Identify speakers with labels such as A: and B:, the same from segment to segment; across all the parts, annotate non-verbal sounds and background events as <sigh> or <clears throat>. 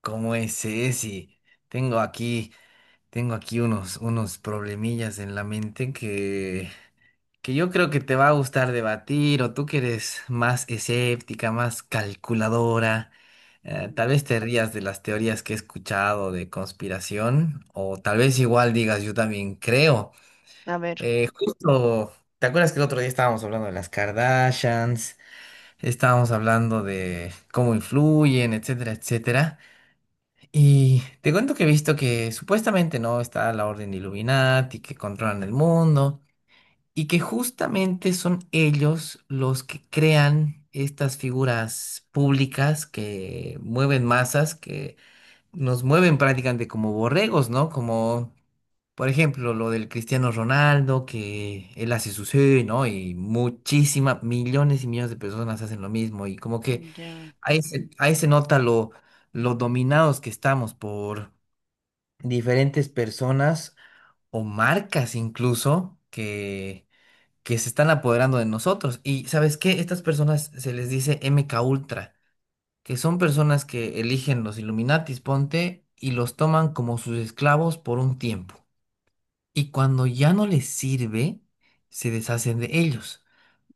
A: ¿Cómo es, Ceci? Tengo aquí, tengo aquí unos problemillas en la mente que yo creo que te va a gustar debatir, o tú que eres más escéptica, más calculadora.
B: Mm.
A: Tal vez te rías de las teorías que he escuchado de conspiración, o tal vez igual digas, yo también creo.
B: A ver.
A: Eh, justo, ¿Te acuerdas que el otro día estábamos hablando de las Kardashians? Estábamos hablando de cómo influyen, etcétera, etcétera. Y te cuento que he visto que supuestamente no está la Orden de Illuminati, que controlan el mundo, y que justamente son ellos los que crean estas figuras públicas que mueven masas, que nos mueven prácticamente como borregos, ¿no? Como, por ejemplo, lo del Cristiano Ronaldo, que él hace su sí, ¿no? Y muchísimas, millones y millones de personas hacen lo mismo, y como que
B: Ya,
A: ahí se nota lo dominados que estamos por diferentes personas o marcas incluso que se están apoderando de nosotros. Y ¿sabes qué? Estas personas se les dice MK Ultra, que son personas que eligen los Illuminatis, ponte, y los toman como sus esclavos por un tiempo. Y cuando ya no les sirve, se deshacen de ellos.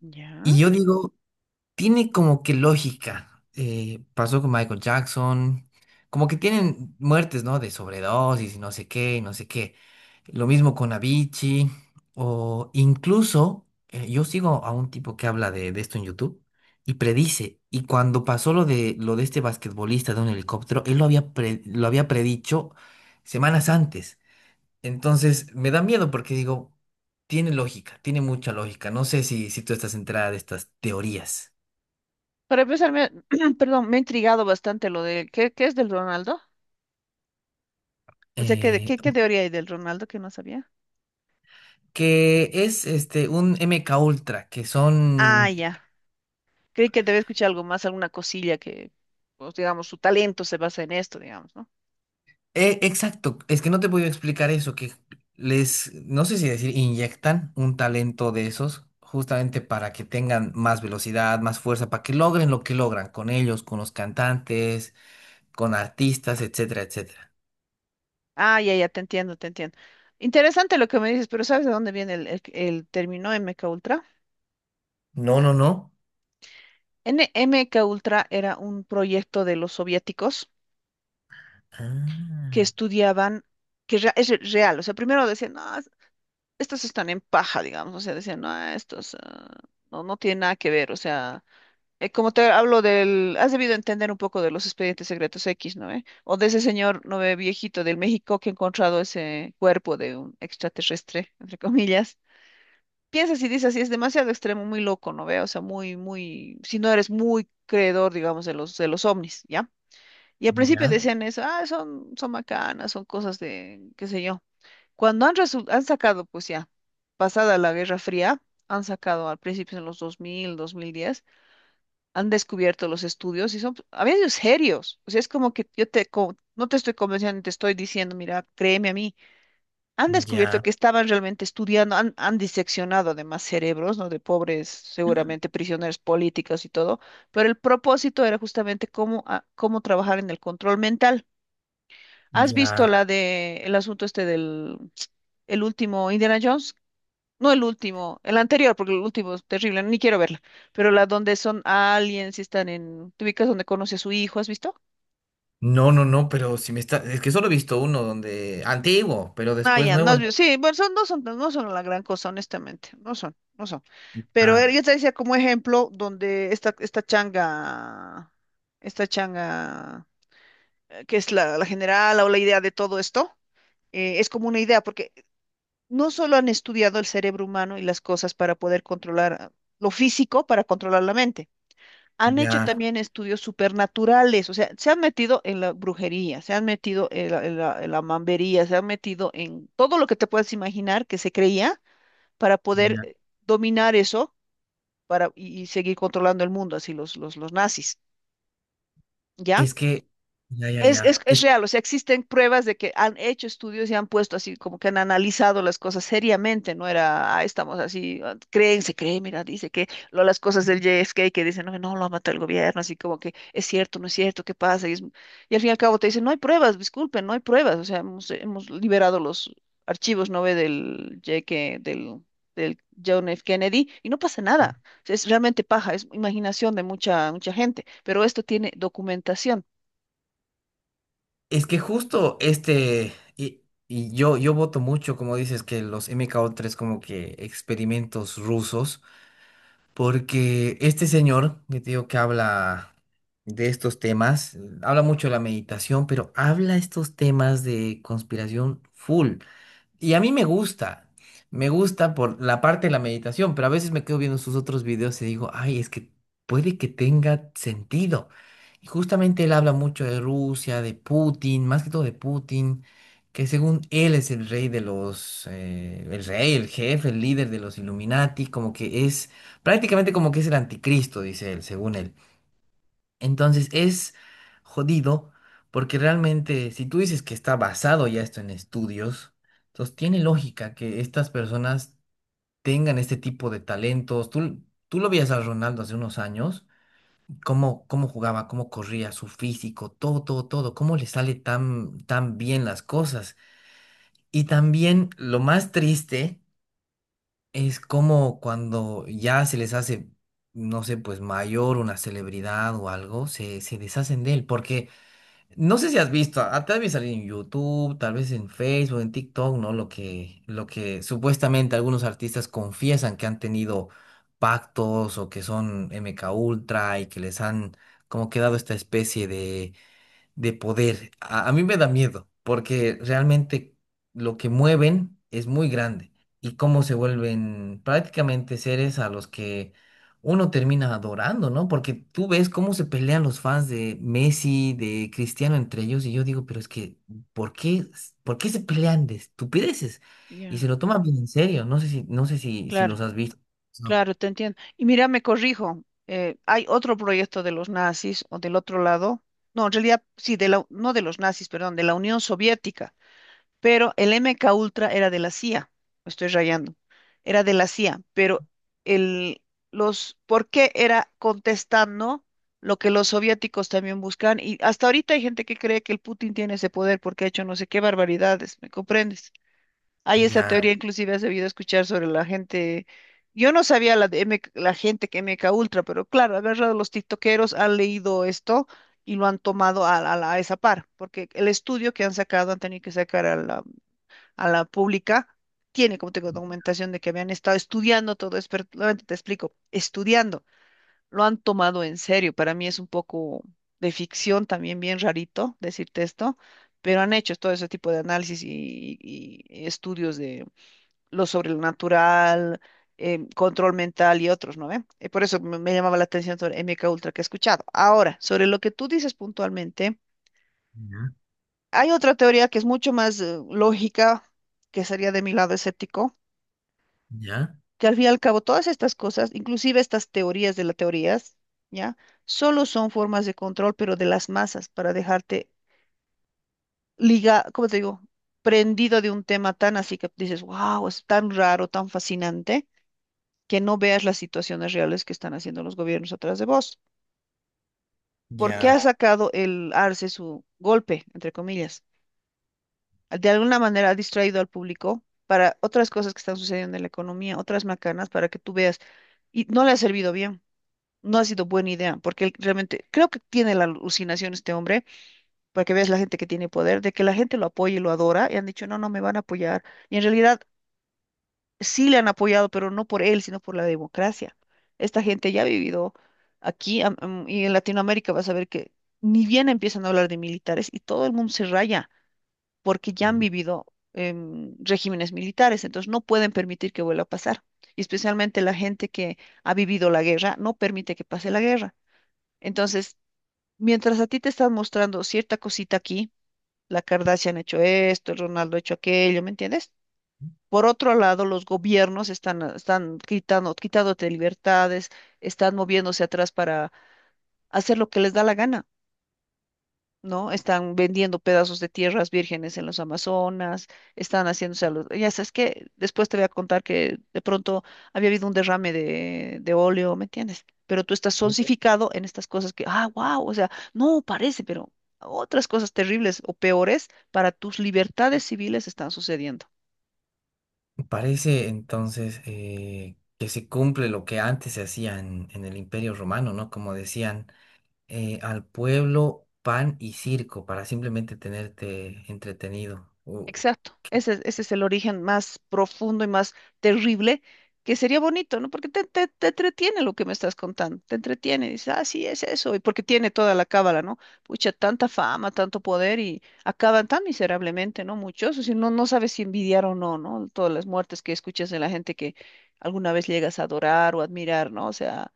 B: ya.
A: Y yo digo, tiene como que lógica. Pasó con Michael Jackson. Como que tienen muertes, ¿no? De sobredosis y no sé qué, y no sé qué. Lo mismo con Avicii. O incluso, yo sigo a un tipo que habla de esto en YouTube y predice. Y cuando pasó lo lo de este basquetbolista de un helicóptero, él lo lo había predicho semanas antes. Entonces me da miedo porque digo, tiene lógica, tiene mucha lógica. No sé si tú estás enterada de estas teorías.
B: Para empezar, me, <clears throat> perdón, me ha intrigado bastante lo de, ¿qué, qué es del Ronaldo? O sea, ¿qué,
A: eh,
B: qué, qué teoría hay del Ronaldo que no sabía?
A: que es este un MK Ultra, que
B: Ah,
A: son
B: ya. Creí que debe escuchar algo más, alguna cosilla que, pues, digamos, su talento se basa en esto, digamos, ¿no?
A: exacto, es que no te puedo explicar eso, que no sé si decir, inyectan un talento de esos justamente para que tengan más velocidad, más fuerza, para que logren lo que logran con ellos, con los cantantes, con artistas, etcétera, etcétera.
B: Ah, ya, ya, te entiendo, te entiendo. Interesante lo que me dices, pero ¿sabes de dónde viene el término MK Ultra?
A: No, no, no.
B: N MK Ultra era un proyecto de los soviéticos que
A: Ah,
B: estudiaban, que real. O sea, primero decían, no, estos están en paja, digamos. O sea, decían, no, ah, estos, ah, no, no tienen nada que ver. O sea, como te hablo del, has debido entender un poco de los expedientes secretos X, ¿no? ¿Eh? O de ese señor, no ve, viejito del México que ha encontrado ese cuerpo de un extraterrestre, entre comillas. Piensas y dices, sí es demasiado extremo, muy loco, ¿no ve? O sea, muy, muy, si no eres muy creedor, digamos, de los ovnis, ¿ya? Y al principio
A: ya,
B: decían eso, ah, son, son macanas, son cosas de, qué sé yo. Cuando han, han sacado, pues ya, pasada la Guerra Fría, han sacado al principio en los 2000, 2010, han descubierto los estudios y son, pues, a veces serios. O sea, es como que yo te, no te estoy convenciendo, te estoy diciendo, mira, créeme a mí. Han descubierto
A: ya,
B: que estaban realmente estudiando, han diseccionado además cerebros, ¿no? De pobres, seguramente prisioneros políticos y todo, pero el propósito era justamente cómo, cómo trabajar en el control mental. ¿Has visto
A: ya.
B: la de el asunto este del el último Indiana Jones? No el último, el anterior, porque el último es terrible, ni quiero verla. Pero la donde son aliens y están en, ¿te ubicas donde conoce a su hijo? ¿Has visto?
A: No, no, no, pero si me está, es que solo he visto uno donde antiguo, pero
B: Ah,
A: después
B: ya, no has
A: nuevo.
B: visto. Sí, bueno, son, no son, no son la gran cosa, honestamente. No son, no son. Pero
A: Ah.
B: yo te decía como ejemplo donde esta, esta changa, que es la, la general o la idea de todo esto, es como una idea, porque no solo han estudiado el cerebro humano y las cosas para poder controlar, ah, lo físico, para controlar la mente. Han hecho
A: Ya,
B: también estudios supernaturales. O sea, se han metido en la brujería, se han metido en la, en la mambería, se han metido en todo lo que te puedas imaginar que se creía para poder,
A: ya.
B: dominar eso para, y seguir controlando el mundo, así los nazis, ¿ya?
A: Es que, ya, ya, ya.
B: Es real. O sea, existen pruebas de que han hecho estudios y han puesto así, como que han analizado las cosas seriamente, no era, ah, estamos así, ah, creen, se cree, mira, dice que lo, las cosas del JFK que dicen, no, no, lo ha matado el gobierno, así como que es cierto, no es cierto, ¿qué pasa? Y al fin y al cabo te dicen, no hay pruebas, disculpen, no hay pruebas. O sea, hemos, hemos liberado los archivos, ¿no ve? Del JFK, del John F. Kennedy, y no pasa nada. O sea, es realmente paja, es imaginación de mucha, mucha gente, pero esto tiene documentación.
A: Es que justo yo voto mucho, como dices, que los mko tres como que experimentos rusos, porque este señor, que te digo que habla de estos temas, habla mucho de la meditación, pero habla estos temas de conspiración full. Y a mí me gusta por la parte de la meditación, pero a veces me quedo viendo sus otros videos y digo, ay, es que puede que tenga sentido. Y justamente él habla mucho de Rusia, de Putin, más que todo de Putin, que según él es el rey de los, el rey, el jefe, el líder de los Illuminati, como que es prácticamente como que es el anticristo, dice él, según él. Entonces es jodido porque realmente si tú dices que está basado ya esto en estudios, entonces tiene lógica que estas personas tengan este tipo de talentos. Tú lo veías a Ronaldo hace unos años, cómo jugaba, cómo corría, su físico, todo, todo, todo, cómo le sale tan, tan bien las cosas. Y también lo más triste es como cuando ya se les hace, no sé, pues mayor una celebridad o algo, se deshacen de él porque... No sé si has visto, ah, tal vez salir en YouTube, tal vez en Facebook, en TikTok, ¿no? Lo que supuestamente algunos artistas confiesan que han tenido pactos o que son MK Ultra y que les han como quedado esta especie de poder. A mí me da miedo, porque realmente lo que mueven es muy grande y cómo se vuelven prácticamente seres a los que uno termina adorando, ¿no? Porque tú ves cómo se pelean los fans de Messi, de Cristiano entre ellos y yo digo, pero es que, ¿por qué, ¿por qué se pelean de estupideces? Y
B: Ya.
A: se lo toman bien en serio, no sé si los
B: Claro,
A: has visto. No.
B: claro, te entiendo. Y mira, me corrijo, hay otro proyecto de los nazis o del otro lado, no, en realidad sí, de la, no de los nazis, perdón, de la Unión Soviética, pero el MK Ultra era de la CIA, me estoy rayando, era de la CIA, pero el, ¿por qué era contestando lo que los soviéticos también buscan? Y hasta ahorita hay gente que cree que el Putin tiene ese poder porque ha hecho no sé qué barbaridades, ¿me comprendes? Hay esa
A: Ya,
B: teoría, inclusive has debido escuchar sobre la gente. Yo no sabía la, de MK la gente que MK Ultra, pero claro, agarrado los tiktokeros, han leído esto y lo han tomado a, a esa par, porque el estudio que han sacado, han tenido que sacar a la pública, tiene, como tengo documentación de que habían estado estudiando todo, esto. Nuevamente te explico, estudiando, lo han tomado en serio. Para mí es un poco de ficción también, bien rarito decirte esto, pero han hecho todo ese tipo de análisis y estudios de lo sobrenatural, em, control mental y otros, ¿no ve? Y por eso me, me llamaba la atención sobre MK Ultra que he escuchado. Ahora, sobre lo que tú dices puntualmente,
A: ya,
B: hay otra teoría que es mucho más, lógica, que sería de mi lado escéptico, que al fin y al cabo todas estas cosas, inclusive estas teorías de las teorías, ¿ya? Solo son formas de control, pero de las masas, para dejarte liga, ¿cómo te digo? Prendido de un tema tan así que dices, wow, es tan raro, tan fascinante que no veas las situaciones reales que están haciendo los gobiernos atrás de vos. ¿Porque ha
A: ya,
B: sacado el Arce su golpe, entre comillas? De alguna manera ha distraído al público para otras cosas que están sucediendo en la economía, otras macanas, para que tú veas. Y no le ha servido bien. No ha sido buena idea, porque él realmente creo que tiene la alucinación este hombre, para que veas la gente que tiene poder, de que la gente lo apoya y lo adora, y han dicho, no, no me van a apoyar. Y en realidad sí le han apoyado, pero no por él, sino por la democracia. Esta gente ya ha vivido aquí, y en Latinoamérica vas a ver que ni bien empiezan a hablar de militares y todo el mundo se raya porque ya
A: ya.
B: han vivido, regímenes militares, entonces no pueden permitir que vuelva a pasar. Y especialmente la gente que ha vivido la guerra no permite que pase la guerra. Entonces, mientras a ti te están mostrando cierta cosita aquí, la Kardashian ha hecho esto, el Ronaldo ha hecho aquello, ¿me entiendes? Por otro lado, los gobiernos están, ah, están quitando, quitándote libertades, están moviéndose atrás para hacer lo que les da la gana, ¿no? Están vendiendo pedazos de tierras vírgenes en los Amazonas, están haciéndose a los... Ya sabes que después te voy a contar que de pronto había habido un derrame de óleo, ¿me entiendes? Pero tú estás sonsificado en estas cosas que, ah, wow, o sea, no parece, pero otras cosas terribles o peores para tus libertades civiles están sucediendo.
A: Parece entonces que se cumple lo que antes se hacía en el Imperio Romano, ¿no? Como decían, al pueblo pan y circo para simplemente tenerte entretenido.
B: Exacto, ese es el origen más profundo y más terrible, que sería bonito, ¿no? Porque te entretiene lo que me estás contando, te entretiene, dices, ah, sí, es eso, y porque tiene toda la cábala, ¿no? Pucha, tanta fama, tanto poder y acaban tan miserablemente, ¿no? Muchos, o sea, no, no sabes si envidiar o no, ¿no? Todas las muertes que escuchas de la gente que alguna vez llegas a adorar o admirar, ¿no? O sea,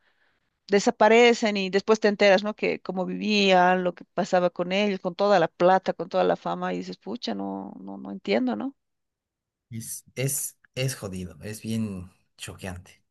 B: desaparecen y después te enteras, ¿no? Que cómo vivían, lo que pasaba con ellos, con toda la plata, con toda la fama, y dices, pucha, no, no, no entiendo, ¿no?
A: Es, es jodido, es bien choqueante.